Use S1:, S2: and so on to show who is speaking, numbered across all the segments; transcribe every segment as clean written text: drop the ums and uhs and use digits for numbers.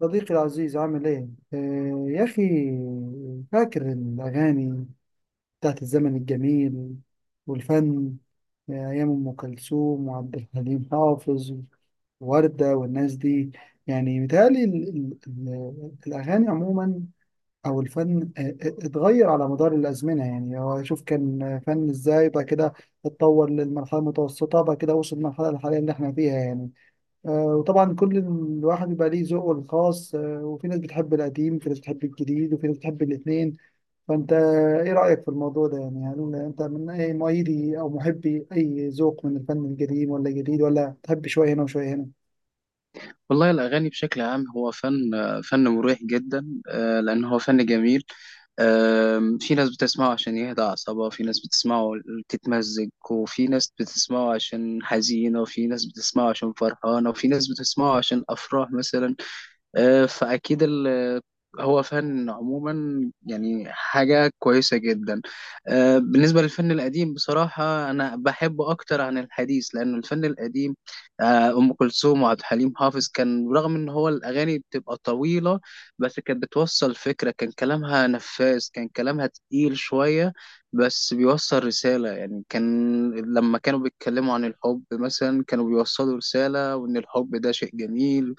S1: صديقي العزيز عامل ايه؟ آه يا اخي، فاكر الاغاني بتاعت الزمن الجميل والفن. آه، ايام ام كلثوم وعبد الحليم حافظ ووردة والناس دي. يعني متهيألي الاغاني عموما او الفن اتغير على مدار الازمنه، يعني هو شوف كان فن ازاي بعد كده اتطور للمرحله المتوسطه، بعد كده وصل للمرحله الحاليه اللي احنا فيها يعني. وطبعا كل الواحد بيبقى ليه ذوقه الخاص، وفي ناس بتحب القديم، وفي ناس بتحب الجديد، وفي ناس بتحب الاثنين. فانت ايه رأيك في الموضوع ده؟ يعني هل انت من اي مؤيدي او محبي اي ذوق من الفن القديم ولا الجديد، ولا تحب شوية هنا وشوية هنا؟
S2: والله الأغاني بشكل عام هو فن مريح جدا، لأن هو فن جميل. في ناس بتسمعه عشان يهدى أعصابها، في ناس بتسمعه تتمزج، وفي ناس بتسمعه عشان حزينة، وفي ناس بتسمعه عشان فرحانة، وفي ناس بتسمعه عشان أفراح مثلا. فأكيد هو فن عموما يعني حاجة كويسة جدا. بالنسبة للفن القديم بصراحة أنا بحبه أكتر عن الحديث، لأن الفن القديم، أم كلثوم وعبد الحليم حافظ، كان رغم إن هو الأغاني بتبقى طويلة بس كانت بتوصل فكرة، كان كلامها نفاذ، كان كلامها تقيل شوية بس بيوصل رسالة يعني. كان لما كانوا بيتكلموا عن الحب مثلا كانوا بيوصلوا رسالة، وإن الحب ده شيء جميل،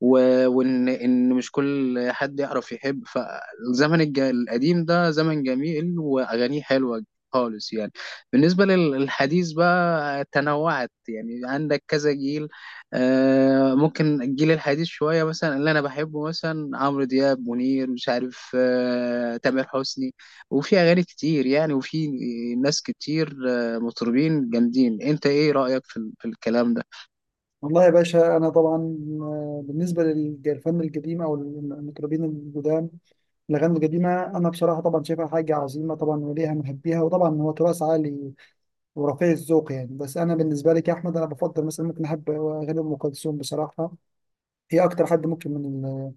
S2: وان مش كل حد يعرف يحب، فالزمن القديم ده زمن جميل واغانيه حلوه خالص يعني. بالنسبه للحديث بقى تنوعت يعني، عندك كذا جيل. ممكن الجيل الحديث شويه، مثلا اللي انا بحبه مثلا عمرو دياب، منير، مش عارف، تامر حسني. وفي اغاني كتير يعني، وفي ناس كتير، مطربين جامدين. انت ايه رايك في الكلام ده؟
S1: والله يا باشا انا طبعا، بالنسبة للفن القديم او المطربين القدام، الاغاني القديمة انا بصراحة طبعا شايفها حاجة عظيمة طبعا، وليها محبيها، وطبعا هو تراث عالي ورفيع الذوق يعني. بس انا بالنسبه لي كاحمد انا بفضل، مثلا ممكن احب اغاني ام كلثوم بصراحه، هي اكتر حد ممكن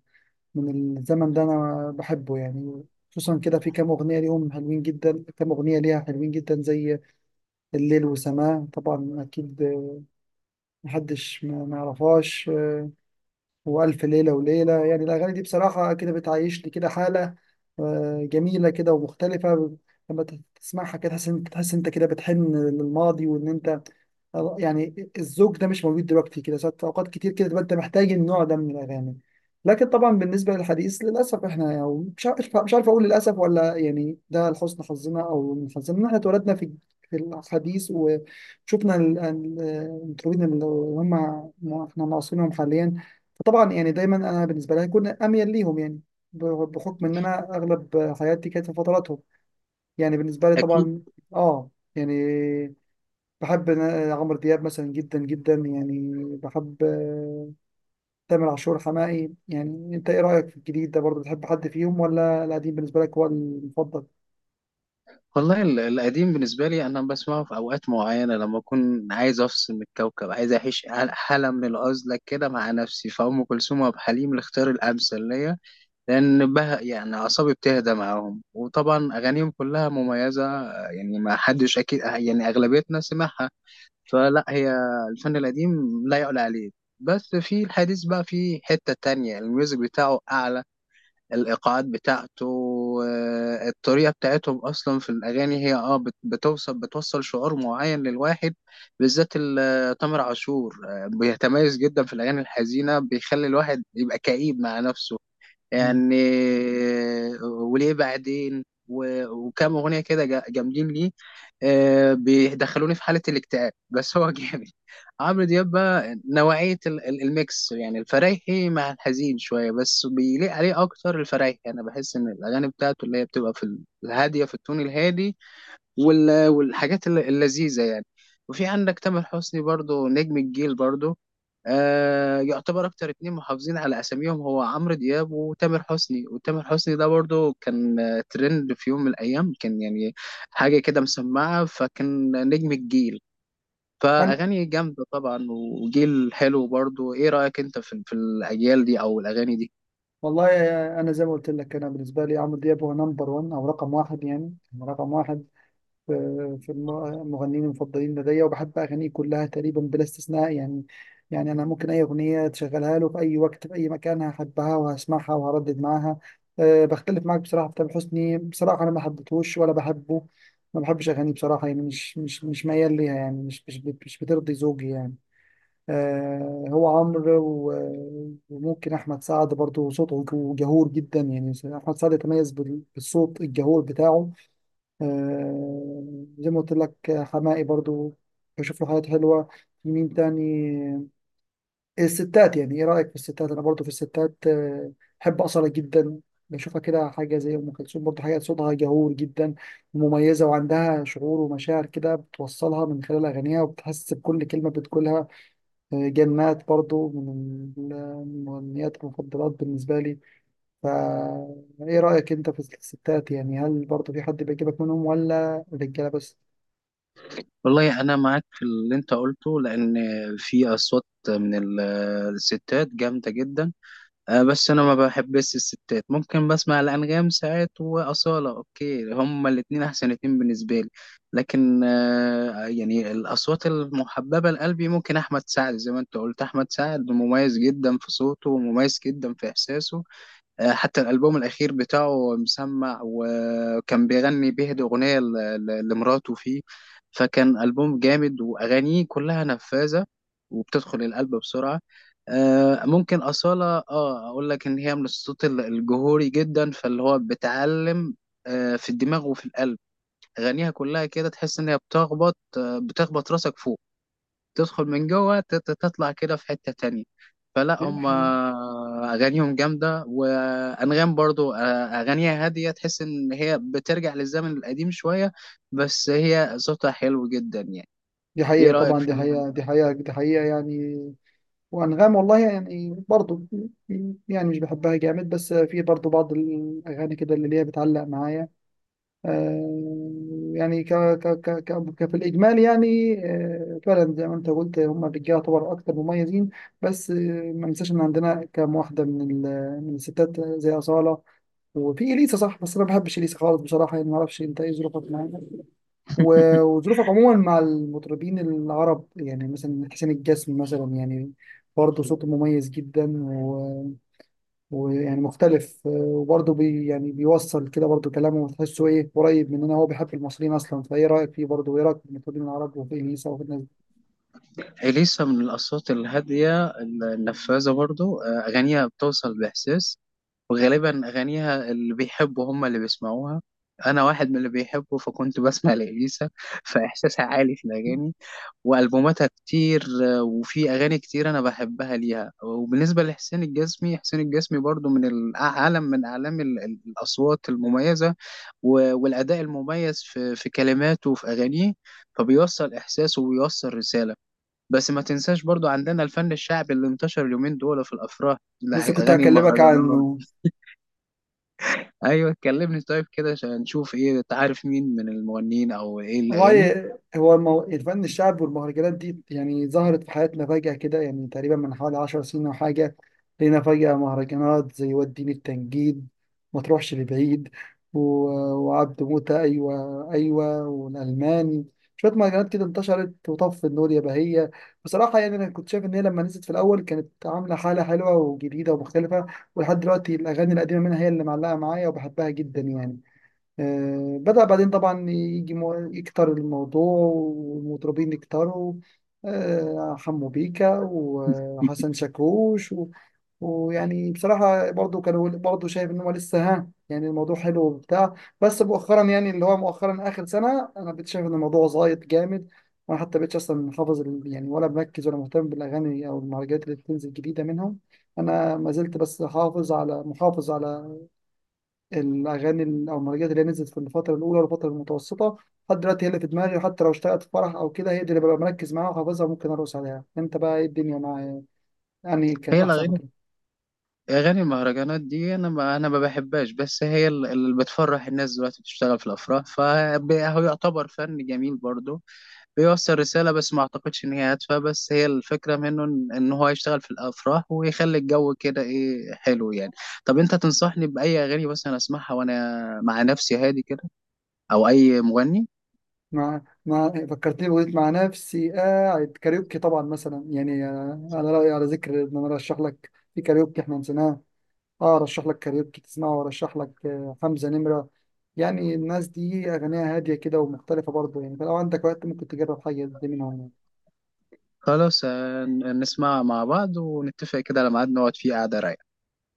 S1: من الزمن ده انا بحبه يعني. خصوصا كده في كام اغنيه ليهم حلوين جدا، كام اغنيه ليها حلوين جدا، زي الليل وسماه طبعا، اكيد محدش ما يعرفهاش، والف ليله وليله. يعني الاغاني دي بصراحه كده بتعيشني كده حاله، آه، جميله كده ومختلفه. لما تسمعها كده تحس تحس انت كده بتحن للماضي، وان انت يعني الذوق ده مش موجود دلوقتي كده. ساعات اوقات كتير كده تبقى انت محتاج النوع ده من الاغاني. لكن طبعا بالنسبه للحديث، للاسف احنا، يعني مش عارف اقول للاسف ولا يعني ده لحسن حظنا، او من حظنا ان احنا اتولدنا في في الحديث وشفنا المطربين اللي هم، احنا معاصرينهم حاليا. فطبعا يعني دايما انا بالنسبه لي هيكون اميل ليهم يعني، بحكم ان انا اغلب حياتي كانت في فتراتهم، يعني بالنسبه لي
S2: اكيد.
S1: طبعا. اه يعني بحب عمرو دياب مثلا جدا جدا يعني، بحب تامر عاشور، حماقي. يعني انت ايه رأيك في الجديد ده برضه؟ بتحب حد فيهم ولا القديم بالنسبة لك هو المفضل؟
S2: والله القديم بالنسبة لي أنا بسمعه في أوقات معينة، لما أكون عايز أفصل من الكوكب، عايز أعيش حالة من العزلة كده مع نفسي، فأم كلثوم وعبد الحليم الاختيار الأمثل ليا. لأن بها يعني أعصابي بتهدى معاهم، وطبعا أغانيهم كلها مميزة. يعني ما حدش أكيد، يعني أغلبيتنا سمعها. فلا هي الفن القديم لا يعلى عليه. بس في الحديث بقى في حتة تانية، الميوزك بتاعه أعلى، الايقاعات بتاعته، الطريقه بتاعتهم اصلا في الاغاني هي بتوصل شعور معين للواحد. بالذات تامر عاشور، بيتميز جدا في الاغاني الحزينه، بيخلي الواحد يبقى كئيب مع نفسه
S1: مم.
S2: يعني. وليه بعدين، وكام اغنيه كده جامدين ليه، بيدخلوني في حاله الاكتئاب، بس هو جامد. عمرو دياب بقى نوعيه الميكس يعني، الفرايحي مع الحزين شويه، بس بيليق عليه اكتر الفرايحي. انا بحس ان الاغاني بتاعته اللي هي بتبقى في الهاديه، في التون الهادي والحاجات اللذيذة يعني. وفي عندك تامر حسني برضو نجم الجيل برضو. يعتبر أكتر اتنين محافظين على أساميهم هو عمرو دياب وتامر حسني. وتامر حسني ده برضو كان، ترند في يوم من الأيام، كان يعني حاجة كده مسمعة، فكان نجم الجيل،
S1: انا
S2: فأغاني جامدة طبعا وجيل حلو برضو. إيه رأيك أنت في الأجيال دي أو الأغاني دي؟
S1: والله، انا زي ما قلت لك، انا بالنسبة لي عمرو دياب هو نمبر 1، او رقم واحد يعني، رقم واحد في المغنيين المفضلين لدي، وبحب أغانيه كلها تقريبا بلا استثناء يعني. يعني أنا ممكن أي أغنية تشغلها له في أي وقت في أي مكان هحبها وهسمعها وهردد معاها. أه بختلف معاك بصراحة في تامر حسني، بصراحة أنا ما حبيتهوش ولا بحبه، ما بحبش أغانيه بصراحة. يعني مش ميال ليها، يعني مش بترضي ذوقي يعني. أه، هو عمرو، وممكن أحمد سعد برضه صوته جهور جدا يعني. أحمد سعد يتميز بالصوت الجهور بتاعه. آه، زي ما قلت لك، حماقي برضو بشوف له حاجات حلوة. مين تاني؟ الستات، يعني ايه رأيك في الستات؟ انا برضو في الستات، آه، بحب أصالة جدا، بشوفها كده حاجة زي أم كلثوم برضو، حاجة صوتها جهور جدا ومميزة، وعندها شعور ومشاعر كده بتوصلها من خلال أغانيها، وبتحس بكل كلمة بتقولها. آه، جنات برضو المغنيات المفضلات بالنسبة لي. فا إيه رأيك أنت في الستات؟ يعني هل برضو في حد بيعجبك منهم ولا الرجالة بس؟
S2: والله أنا معاك في اللي أنت قلته، لأن في أصوات من الستات جامدة جدا. بس انا ما بحبش الستات، ممكن بسمع الانغام ساعات واصاله. اوكي، هما الاتنين احسن اتنين بالنسبه لي. لكن يعني الاصوات المحببه لقلبي، ممكن احمد سعد، زي ما انت قلت، احمد سعد مميز جدا في صوته ومميز جدا في احساسه. حتى الألبوم الأخير بتاعه مسمع، وكان بيغني بيهدي أغنية لمراته فيه، فكان ألبوم جامد وأغانيه كلها نفاذة وبتدخل القلب بسرعة. ممكن أصالة، أقول لك إن هي من الصوت الجهوري جدا، فاللي هو بتعلم في الدماغ وفي القلب. أغانيها كلها كده تحس إن هي بتخبط، بتخبط راسك فوق، تدخل من جوه تطلع كده في حتة تانية. فلا
S1: دي
S2: هم
S1: حقيقة،
S2: أغانيهم جامدة. وأنغام برضو أغانيها هادية، تحس إن هي بترجع للزمن القديم شوية، بس هي صوتها حلو جدا يعني.
S1: دي
S2: إيه
S1: حقيقة
S2: رأيك
S1: طبعا، دي
S2: فيها؟
S1: حقيقة، دي حقيقة، دي حقيقة يعني. وأنغام والله يعني برضو، يعني مش بحبها جامد، بس في برضو بعض الأغاني كده اللي ليها بتعلق معايا. آه يعني في الإجمال، يعني آه فعلا زي ما أنت قلت هم الرجالة طبعا أكتر مميزين. بس آه، ما ننساش إن عندنا كام واحدة من الستات زي أصالة، وفي إليسا صح، بس أنا ما بحبش إليسا خالص بصراحة. يعني ما أعرفش أنت إيه ظروفك معاها، وظروفك عموما مع المطربين العرب، يعني مثلا حسين الجسمي مثلا يعني، برضه صوته مميز جدا، ويعني مختلف، وبرضه بي يعني بيوصل كده برضه، كلامه تحسه ايه قريب مننا، هو بيحب المصريين اصلا. فايه رايك فيه برضه، وايه رايك في المطربين العرب وفي اليسا وفي الناس دي؟
S2: إليسا من الأصوات الهادية النفاذة برضو. أغانيها بتوصل بإحساس، وغالبا أغانيها اللي بيحبوا هم اللي بيسمعوها. أنا واحد من اللي بيحبوا، فكنت بسمع لإليسا، فإحساسها عالي في الأغاني والبوماتها كتير. وفي اغاني كتير انا بحبها ليها. وبالنسبه لحسين الجسمي، حسين الجسمي برضو من العالم، من اعلام الاصوات المميزه والاداء المميز في كلماته وفي اغانيه، فبيوصل احساس وبيوصل رساله. بس ما تنساش برضو عندنا الفن الشعبي اللي انتشر اليومين دول في الافراح،
S1: لسه كنت
S2: اغاني
S1: هكلمك
S2: المهرجانات.
S1: عنه.
S2: ايوه كلمني طيب كده، عشان نشوف ايه تعرف مين من المغنيين او ايه الاغاني.
S1: والله هو الفن الشعب والمهرجانات دي يعني ظهرت في حياتنا فجأة كده، يعني تقريبا من حوالي عشر سنين أو حاجة. لقينا فجأة مهرجانات زي وديني التنجيد، ما تروحش لبعيد، و... وعبد موتة، أيوة أيوة، والألماني، شوية مهرجانات كده انتشرت، وطف النور يا بهية. بصراحة يعني أنا كنت شايف إن هي لما نزلت في الأول كانت عاملة حالة حلوة وجديدة ومختلفة، ولحد دلوقتي الأغاني القديمة منها هي اللي معلقة معايا وبحبها جدا يعني. آه، بدأ بعدين طبعا يجي يكتر الموضوع والمطربين يكتروا، آه، حمو بيكا وحسن شاكوش، ويعني بصراحة برضو كانوا، برضو شايف إن هو لسه ها يعني الموضوع حلو وبتاع. بس مؤخرا يعني، اللي هو مؤخرا آخر سنة، أنا بقيت شايف إن الموضوع زايد جامد، وأنا حتى بقيتش أصلا حافظ يعني ولا مركز ولا مهتم بالأغاني أو المهرجانات اللي بتنزل جديدة منهم. أنا ما زلت بس حافظ على، محافظ على الاغاني او المهرجانات اللي هي نزلت في الفتره الاولى والفتره المتوسطه، لحد دلوقتي هي اللي في دماغي. وحتى لو اشتغلت في فرح او كده هي دي اللي ببقى مركز معاها وحافظها، ممكن ارقص عليها. انت بقى ايه الدنيا مع، يعني كانت
S2: هي
S1: احسن
S2: الاغاني
S1: فتره.
S2: أغاني المهرجانات دي أنا ما بحبهاش، بس هي اللي بتفرح الناس دلوقتي، بتشتغل في الأفراح، فهو يعتبر فن جميل برضه، بيوصل رسالة، بس ما أعتقدش إن هي هادفة. بس هي الفكرة منه إن هو يشتغل في الأفراح ويخلي الجو كده إيه حلو يعني. طب أنت تنصحني بأي أغاني مثلا أسمعها وأنا مع نفسي هادي كده، أو أي مغني؟
S1: مع فكرتني، بقيت مع نفسي قاعد كاريوكي طبعا مثلا يعني، على رايي على ذكر ان انا ارشح لك، في كاريوكي احنا نسيناه. اه ارشح لك كاريوكي تسمعه، وارشح لك حمزه نمره. يعني الناس دي اغانيها هاديه كده ومختلفه برضه يعني، فلو عندك وقت ممكن تجرب حاجه دي منهم يعني.
S2: خلاص. نسمع مع بعض ونتفق كده على ميعاد نقعد فيه قعدة رايقة.